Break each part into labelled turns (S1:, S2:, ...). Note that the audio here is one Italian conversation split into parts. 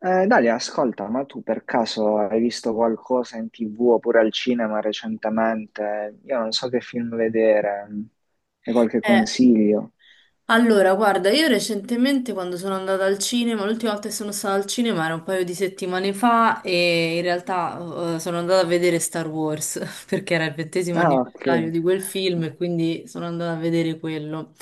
S1: Dalia, ascolta, ma tu per caso hai visto qualcosa in TV oppure al cinema recentemente? Io non so che film vedere, hai qualche
S2: Eh,
S1: consiglio?
S2: allora, guarda, io recentemente quando sono andata al cinema, l'ultima volta che sono stata al cinema era un paio di settimane fa e in realtà sono andata a vedere Star Wars perché era il ventesimo
S1: Ah, ok.
S2: anniversario di quel film e quindi sono andata a vedere quello.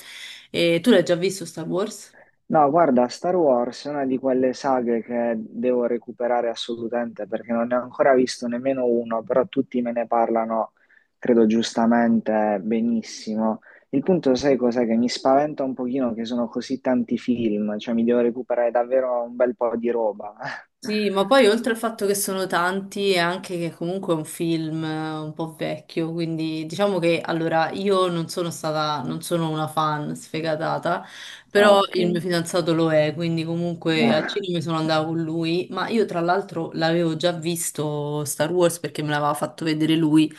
S2: E tu l'hai già visto Star Wars?
S1: No, guarda, Star Wars è una di quelle saghe che devo recuperare assolutamente perché non ne ho ancora visto nemmeno uno, però tutti me ne parlano, credo giustamente, benissimo. Il punto, sai cos'è? Che mi spaventa un pochino che sono così tanti film, cioè mi devo recuperare davvero un bel po' di roba.
S2: Sì, ma poi oltre al fatto che sono tanti, è anche che comunque è un film un po' vecchio, quindi diciamo che allora io non sono una fan sfegatata,
S1: Ah,
S2: però
S1: ok.
S2: il mio fidanzato lo è, quindi comunque al
S1: Ah,
S2: cinema sono andata con lui, ma io tra l'altro l'avevo già visto Star Wars perché me l'aveva fatto vedere lui,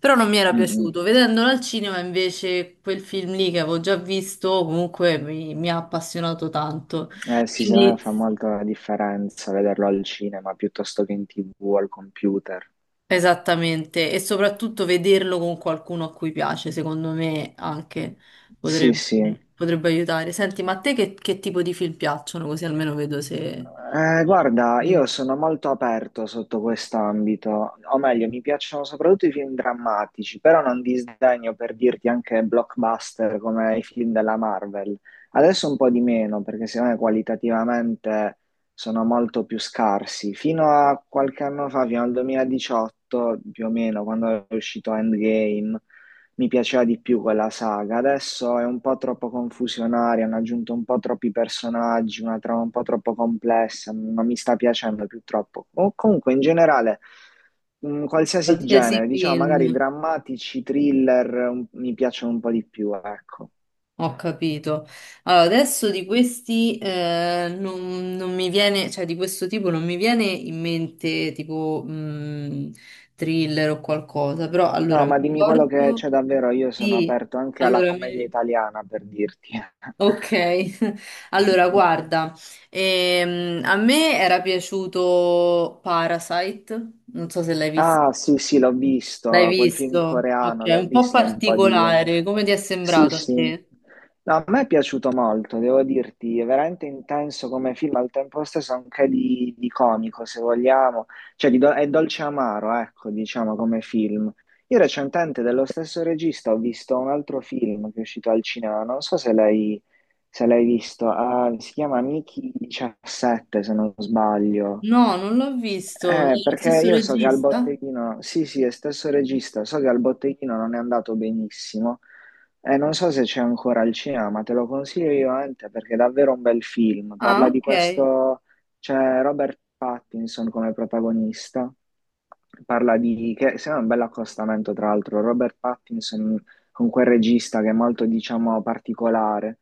S2: però non mi era
S1: mm, mm.
S2: piaciuto. Vedendolo al cinema invece quel film lì che avevo già visto comunque mi ha appassionato tanto.
S1: Sì, secondo me
S2: Quindi.
S1: fa molto la differenza vederlo al cinema piuttosto che in TV o al computer.
S2: Esattamente, e soprattutto vederlo con qualcuno a cui piace, secondo me anche
S1: Sì,
S2: potrebbe,
S1: sì.
S2: potrebbe aiutare. Senti, ma a te che tipo di film piacciono? Così almeno vedo
S1: Guarda,
S2: se-
S1: io sono molto aperto sotto quest'ambito, o meglio, mi piacciono soprattutto i film drammatici, però non disdegno per dirti anche blockbuster come i film della Marvel. Adesso un po' di meno, perché secondo me qualitativamente sono molto più scarsi. Fino a qualche anno fa, fino al 2018 più o meno, quando è uscito Endgame, mi piaceva di più quella saga. Adesso è un po' troppo confusionaria, hanno aggiunto un po' troppi personaggi, una trama un po' troppo complessa, non mi sta piacendo più troppo. O comunque, in generale, qualsiasi
S2: Qualsiasi
S1: genere, diciamo magari
S2: film.
S1: drammatici, thriller, mi piacciono un po' di più, ecco.
S2: Ho capito. Allora, adesso di questi non mi viene, cioè di questo tipo non mi viene in mente tipo thriller o qualcosa, però allora
S1: No,
S2: mi
S1: ma dimmi quello che
S2: ricordo...
S1: c'è davvero, io sono
S2: Sì,
S1: aperto anche alla
S2: allora
S1: commedia
S2: mi,
S1: italiana, per dirti.
S2: Ok, allora guarda, a me era piaciuto Parasite, non so se l'hai visto.
S1: Ah, sì, sì, l'ho visto,
S2: L'hai
S1: quel film
S2: visto? Ok,
S1: coreano, l'ho
S2: un po'
S1: visto un po' di anni
S2: particolare,
S1: fa.
S2: come ti è
S1: Sì,
S2: sembrato a
S1: sì.
S2: te?
S1: No, a me è piaciuto molto, devo dirti, è veramente intenso come film, al tempo stesso anche di comico, se vogliamo. Cioè, è dolce amaro, ecco, diciamo, come film. Io recentemente, dello stesso regista, ho visto un altro film che è uscito al cinema, non so se l'hai visto, si chiama Mickey 17, se non sbaglio.
S2: No, non l'ho visto, è lo
S1: Perché
S2: stesso
S1: io so che al
S2: regista?
S1: botteghino, sì, sì, è stesso regista, so che al botteghino non è andato benissimo. Non so se c'è ancora al cinema, ma te lo consiglio io, Ante, perché è davvero un bel film.
S2: Ah,
S1: Parla di
S2: ok.
S1: questo, c'è Robert Pattinson come protagonista. Parla di, che sembra un bel accostamento, tra l'altro, Robert Pattinson con quel regista che è molto, diciamo, particolare.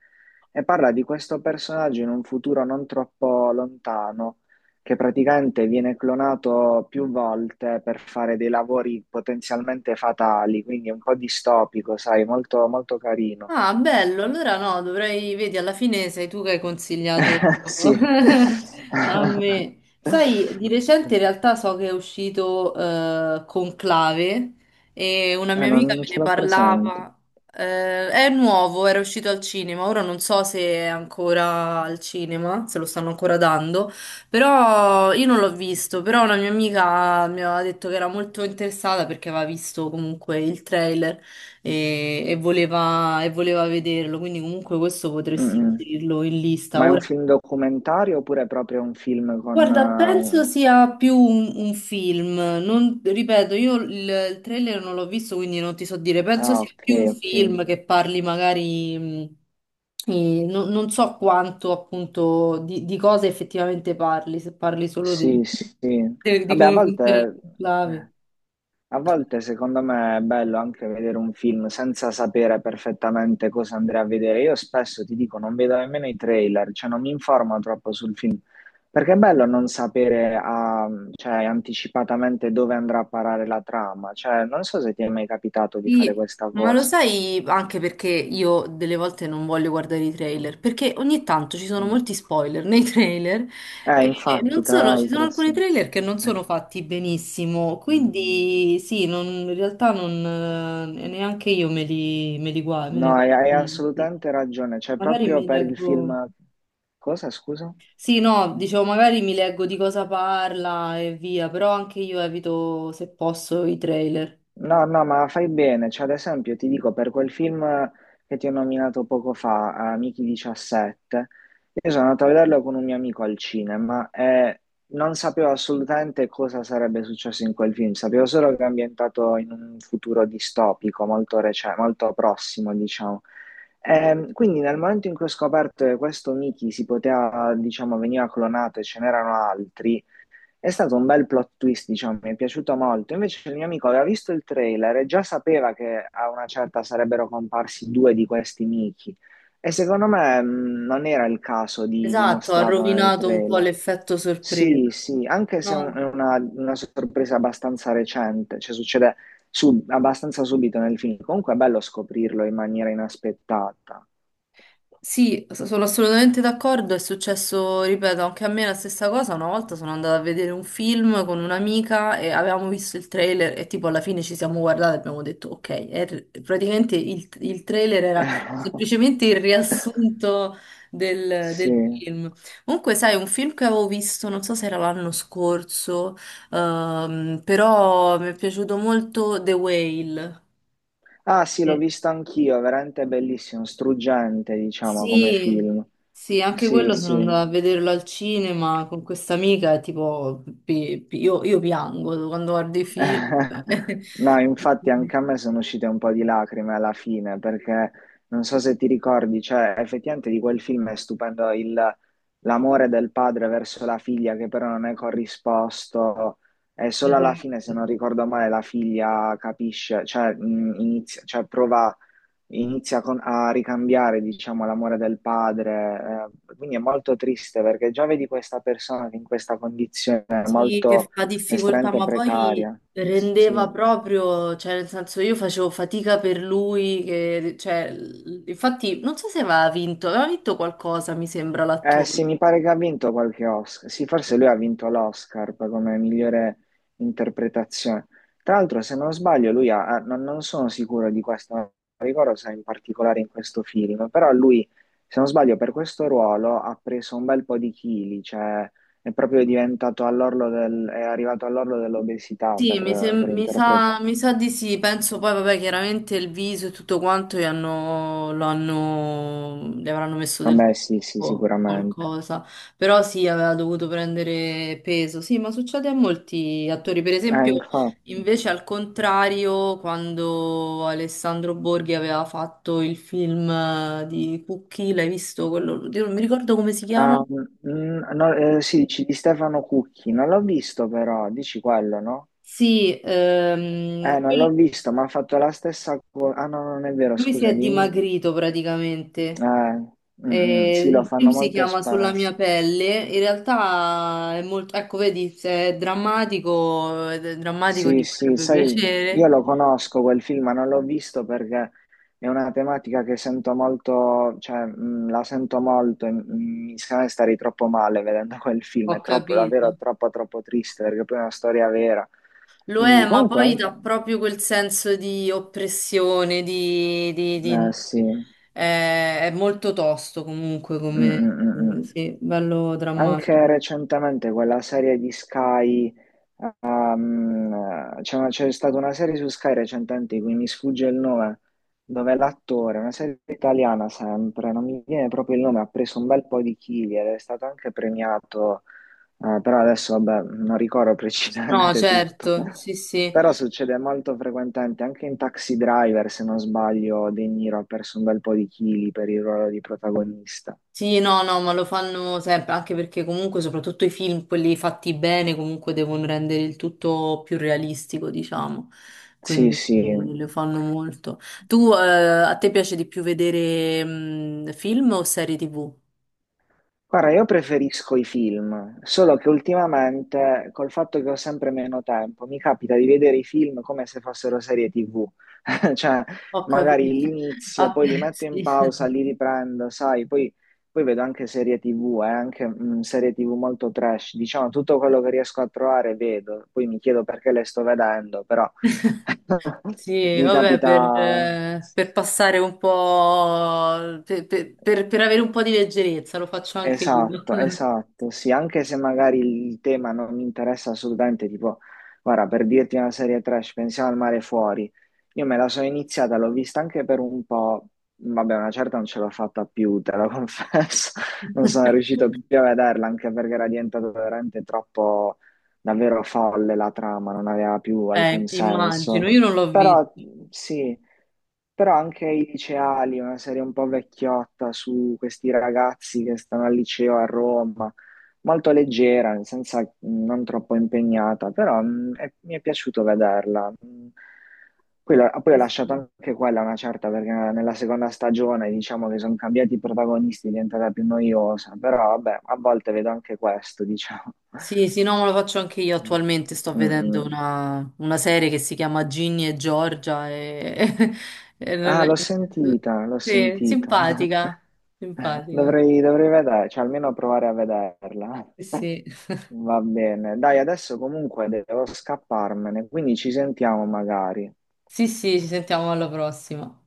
S1: E parla di questo personaggio in un futuro non troppo lontano che praticamente viene clonato più volte per fare dei lavori potenzialmente fatali, quindi è un po' distopico, sai, molto, molto carino.
S2: Ah, bello, allora no, dovrei, vedi, alla fine sei tu che hai consigliato
S1: Sì.
S2: a me. Sai, di recente in realtà so che è uscito Conclave e una
S1: Ma
S2: mia amica
S1: non
S2: me
S1: ce
S2: ne
S1: l'ho presente.
S2: parlava. È nuovo, era uscito al cinema, ora non so se è ancora al cinema, se lo stanno ancora dando, però io non l'ho visto, però una mia amica mi aveva detto che era molto interessata perché aveva visto comunque il trailer e voleva vederlo, quindi comunque questo potresti
S1: Mm-mm.
S2: inserirlo in lista.
S1: Ma è un
S2: Ora,
S1: film documentario oppure è proprio un film con...
S2: guarda, penso sia più un film, non, ripeto, io il trailer non l'ho visto, quindi non ti so dire, penso
S1: Ah,
S2: sia
S1: ok,
S2: più un
S1: ok.
S2: film che parli magari, e non, non so quanto appunto di cosa effettivamente parli, se parli solo di,
S1: Sì, sì.
S2: di
S1: Vabbè,
S2: come funziona il conclave.
S1: eh, A volte secondo me è bello anche vedere un film senza sapere perfettamente cosa andrei a vedere. Io spesso ti dico, non vedo nemmeno i trailer, cioè non mi informo troppo sul film, perché è bello non sapere cioè, anticipatamente dove andrà a parare la trama. Cioè, non so se ti è mai capitato di fare
S2: Sì,
S1: questa
S2: ma lo
S1: cosa.
S2: sai anche perché io delle volte non voglio guardare i trailer, perché ogni tanto ci sono
S1: Mm.
S2: molti spoiler nei trailer e
S1: Infatti,
S2: non
S1: tra
S2: sono, ci sono
S1: l'altro, sì.
S2: alcuni trailer che non
S1: Eh,
S2: sono fatti benissimo,
S1: mm.
S2: quindi sì, in realtà non, neanche io me li guardo, me
S1: No,
S2: ne
S1: hai,
S2: guardo.
S1: hai assolutamente ragione, cioè
S2: Magari
S1: proprio
S2: mi
S1: per il
S2: leggo...
S1: film... Cosa, scusa?
S2: Sì, no, dicevo, magari mi leggo di cosa parla e via, però anche io evito, se posso, i trailer.
S1: No, no, ma fai bene. Cioè, ad esempio, ti dico, per quel film che ti ho nominato poco fa, Amici 17, io sono andato a vederlo con un mio amico al cinema e non sapevo assolutamente cosa sarebbe successo in quel film. Sapevo solo che è ambientato in un futuro distopico, molto prossimo, diciamo. Quindi nel momento in cui ho scoperto che questo Mickey si poteva, diciamo, veniva clonato e ce n'erano altri, è stato un bel plot twist, diciamo, mi è piaciuto molto. Invece il mio amico aveva visto il trailer e già sapeva che a una certa sarebbero comparsi due di questi Mickey. E secondo me non era il caso di
S2: Esatto, ha
S1: mostrarlo nel
S2: rovinato un po'
S1: trailer.
S2: l'effetto sorpresa.
S1: Sì, sì, anche se è un-
S2: No,
S1: è una, una sorpresa abbastanza recente, cioè succede abbastanza subito nel film. Comunque è bello scoprirlo in maniera inaspettata.
S2: sì, sono assolutamente d'accordo. È successo, ripeto, anche a me la stessa cosa. Una volta sono andata a vedere un film con un'amica e avevamo visto il trailer e tipo alla fine ci siamo guardate e abbiamo detto ok. E praticamente il trailer era semplicemente il riassunto del
S1: Sì.
S2: film. Comunque, sai, un film che avevo visto, non so se era l'anno scorso, però mi è piaciuto molto The Whale.
S1: Ah sì, l'ho visto anch'io, è veramente bellissimo, struggente, diciamo, come
S2: Sì,
S1: film.
S2: sì, anche
S1: Sì,
S2: quello sono
S1: sì.
S2: andata a vederlo al cinema con questa amica e tipo, io piango quando guardo i film.
S1: No, infatti anche a me sono uscite un po' di lacrime alla fine, perché non so se ti ricordi, cioè effettivamente di quel film è stupendo l'amore del padre verso la figlia che però non è corrisposto e solo alla fine, se
S2: Esatto.
S1: non ricordo male, la figlia capisce, cioè, inizia, cioè prova inizia a ricambiare, diciamo, l'amore del padre. Quindi è molto triste perché già vedi questa persona che in questa condizione è
S2: Sì, che
S1: molto
S2: fa difficoltà,
S1: estremamente
S2: ma poi
S1: precaria. Sì.
S2: rendeva proprio, cioè nel senso io facevo fatica per lui, che, cioè, infatti non so se aveva vinto, aveva vinto qualcosa, mi sembra,
S1: Eh sì,
S2: l'attore.
S1: mi pare che ha vinto qualche Oscar. Sì, forse lui ha vinto l'Oscar come migliore interpretazione. Tra l'altro, se non sbaglio, lui ha, ha- non, non sono sicuro di questo, non ricordo se in particolare in questo film, però lui, se non sbaglio, per questo ruolo ha preso un bel po' di chili, cioè è proprio diventato all'orlo del, è arrivato all'orlo dell'obesità
S2: Sì, mi,
S1: per
S2: sem- mi sa,
S1: interpretare.
S2: mi sa di sì, penso poi, vabbè, chiaramente il viso e tutto quanto gli hanno, lo hanno, gli avranno messo del
S1: Vabbè, sì, sì,
S2: tubo o
S1: sicuramente.
S2: qualcosa, però sì, aveva dovuto prendere peso, sì, ma succede a molti attori, per esempio,
S1: Infatti.
S2: invece al contrario, quando Alessandro Borghi aveva fatto il film di Cucchi, l'hai visto quello, oddio, non mi ricordo come si chiama?
S1: Ah, no, sì, dici di Stefano Cucchi, non l'ho visto però, dici quello, no?
S2: Sì,
S1: Non l'ho visto, ma ha fatto la stessa cosa. Ah, no, non è vero,
S2: lui si
S1: scusa,
S2: è
S1: dimmi.
S2: dimagrito
S1: Eh,
S2: praticamente.
S1: mm, mm,
S2: Eh,
S1: sì, lo
S2: il
S1: fanno
S2: film si
S1: molto
S2: chiama Sulla
S1: spesso.
S2: mia pelle. In realtà è molto, ecco, vedi, se è drammatico, ed è drammatico
S1: Sì,
S2: ti
S1: sì,
S2: potrebbe
S1: sai, io
S2: piacere.
S1: lo conosco quel film, ma non l'ho visto perché è una tematica che sento molto, cioè, la sento molto e mi sembra stare troppo male vedendo quel
S2: Ho
S1: film, è troppo,
S2: capito.
S1: davvero troppo, troppo triste perché poi è una storia vera.
S2: Lo
S1: Quindi
S2: è, ma
S1: comunque...
S2: poi dà proprio quel senso di oppressione, di, di-
S1: Eh
S2: di-
S1: sì, Mm,
S2: eh, è molto tosto comunque
S1: mm,
S2: come,
S1: mm, mm.
S2: sì, bello
S1: Anche
S2: drammatico.
S1: recentemente quella serie di Sky, c'è stata una serie su Sky recentemente, di cui mi sfugge il nome, dove l'attore, una serie italiana sempre, non mi viene proprio il nome, ha preso un bel po' di chili ed è stato anche premiato, però adesso vabbè, non ricordo
S2: No,
S1: precisamente tutto.
S2: certo, sì, sì.
S1: Però succede molto frequentemente, anche in Taxi Driver, se non sbaglio, De Niro ha perso un bel po' di chili per il ruolo di protagonista.
S2: Sì, no, no, ma lo fanno sempre, anche perché comunque soprattutto i film, quelli fatti bene, comunque devono rendere il tutto più realistico, diciamo.
S1: Sì,
S2: Quindi
S1: sì.
S2: lo fanno molto. Tu, a te piace di più vedere film o serie TV?
S1: Guarda, io preferisco i film, solo che ultimamente, col fatto che ho sempre meno tempo, mi capita di vedere i film come se fossero serie TV. Cioè,
S2: Ho
S1: magari
S2: capito.
S1: l'inizio,
S2: Ah,
S1: poi li metto in
S2: sì.
S1: pausa, li riprendo, sai, poi vedo anche serie TV, anche serie TV molto trash. Diciamo, tutto quello che riesco a trovare vedo, poi mi chiedo perché le sto vedendo, però
S2: Sì,
S1: mi
S2: vabbè,
S1: capita
S2: per passare un po', per avere un po' di leggerezza, lo faccio anche io.
S1: Esatto, esatto, sì, anche se magari il tema non mi interessa assolutamente, tipo, guarda, per dirti una serie trash, pensiamo al mare fuori, io me la sono iniziata, l'ho vista anche per un po', vabbè, una certa non ce l'ho fatta più, te lo confesso, non sono riuscito più a vederla, anche perché era diventata veramente troppo, davvero folle la trama, non aveva più alcun senso,
S2: Immagino, io non l'ho visto.
S1: però sì. Però anche i liceali, una serie un po' vecchiotta su questi ragazzi che stanno al liceo a Roma, molto leggera, nel senso non troppo impegnata, però mi è piaciuto vederla. Poi ho
S2: Sì,
S1: lasciato
S2: sì,
S1: anche quella una certa perché nella seconda stagione diciamo che sono cambiati i protagonisti, è diventata più noiosa, però vabbè, a volte vedo anche questo, diciamo.
S2: sì, sì, no, ma lo faccio anche io
S1: Mm.
S2: attualmente. Sto
S1: Mm,
S2: vedendo
S1: mm.
S2: una serie che si chiama Ginny e Giorgia. E non
S1: Ah,
S2: è-
S1: l'ho sentita, l'ho
S2: Sì,
S1: sentita.
S2: simpatica, simpatica.
S1: Dovrei vedere, cioè almeno provare a vederla.
S2: Sì, sì,
S1: Va bene. Dai, adesso comunque devo scapparmene, quindi ci sentiamo magari.
S2: sì, sì, ci sentiamo alla prossima.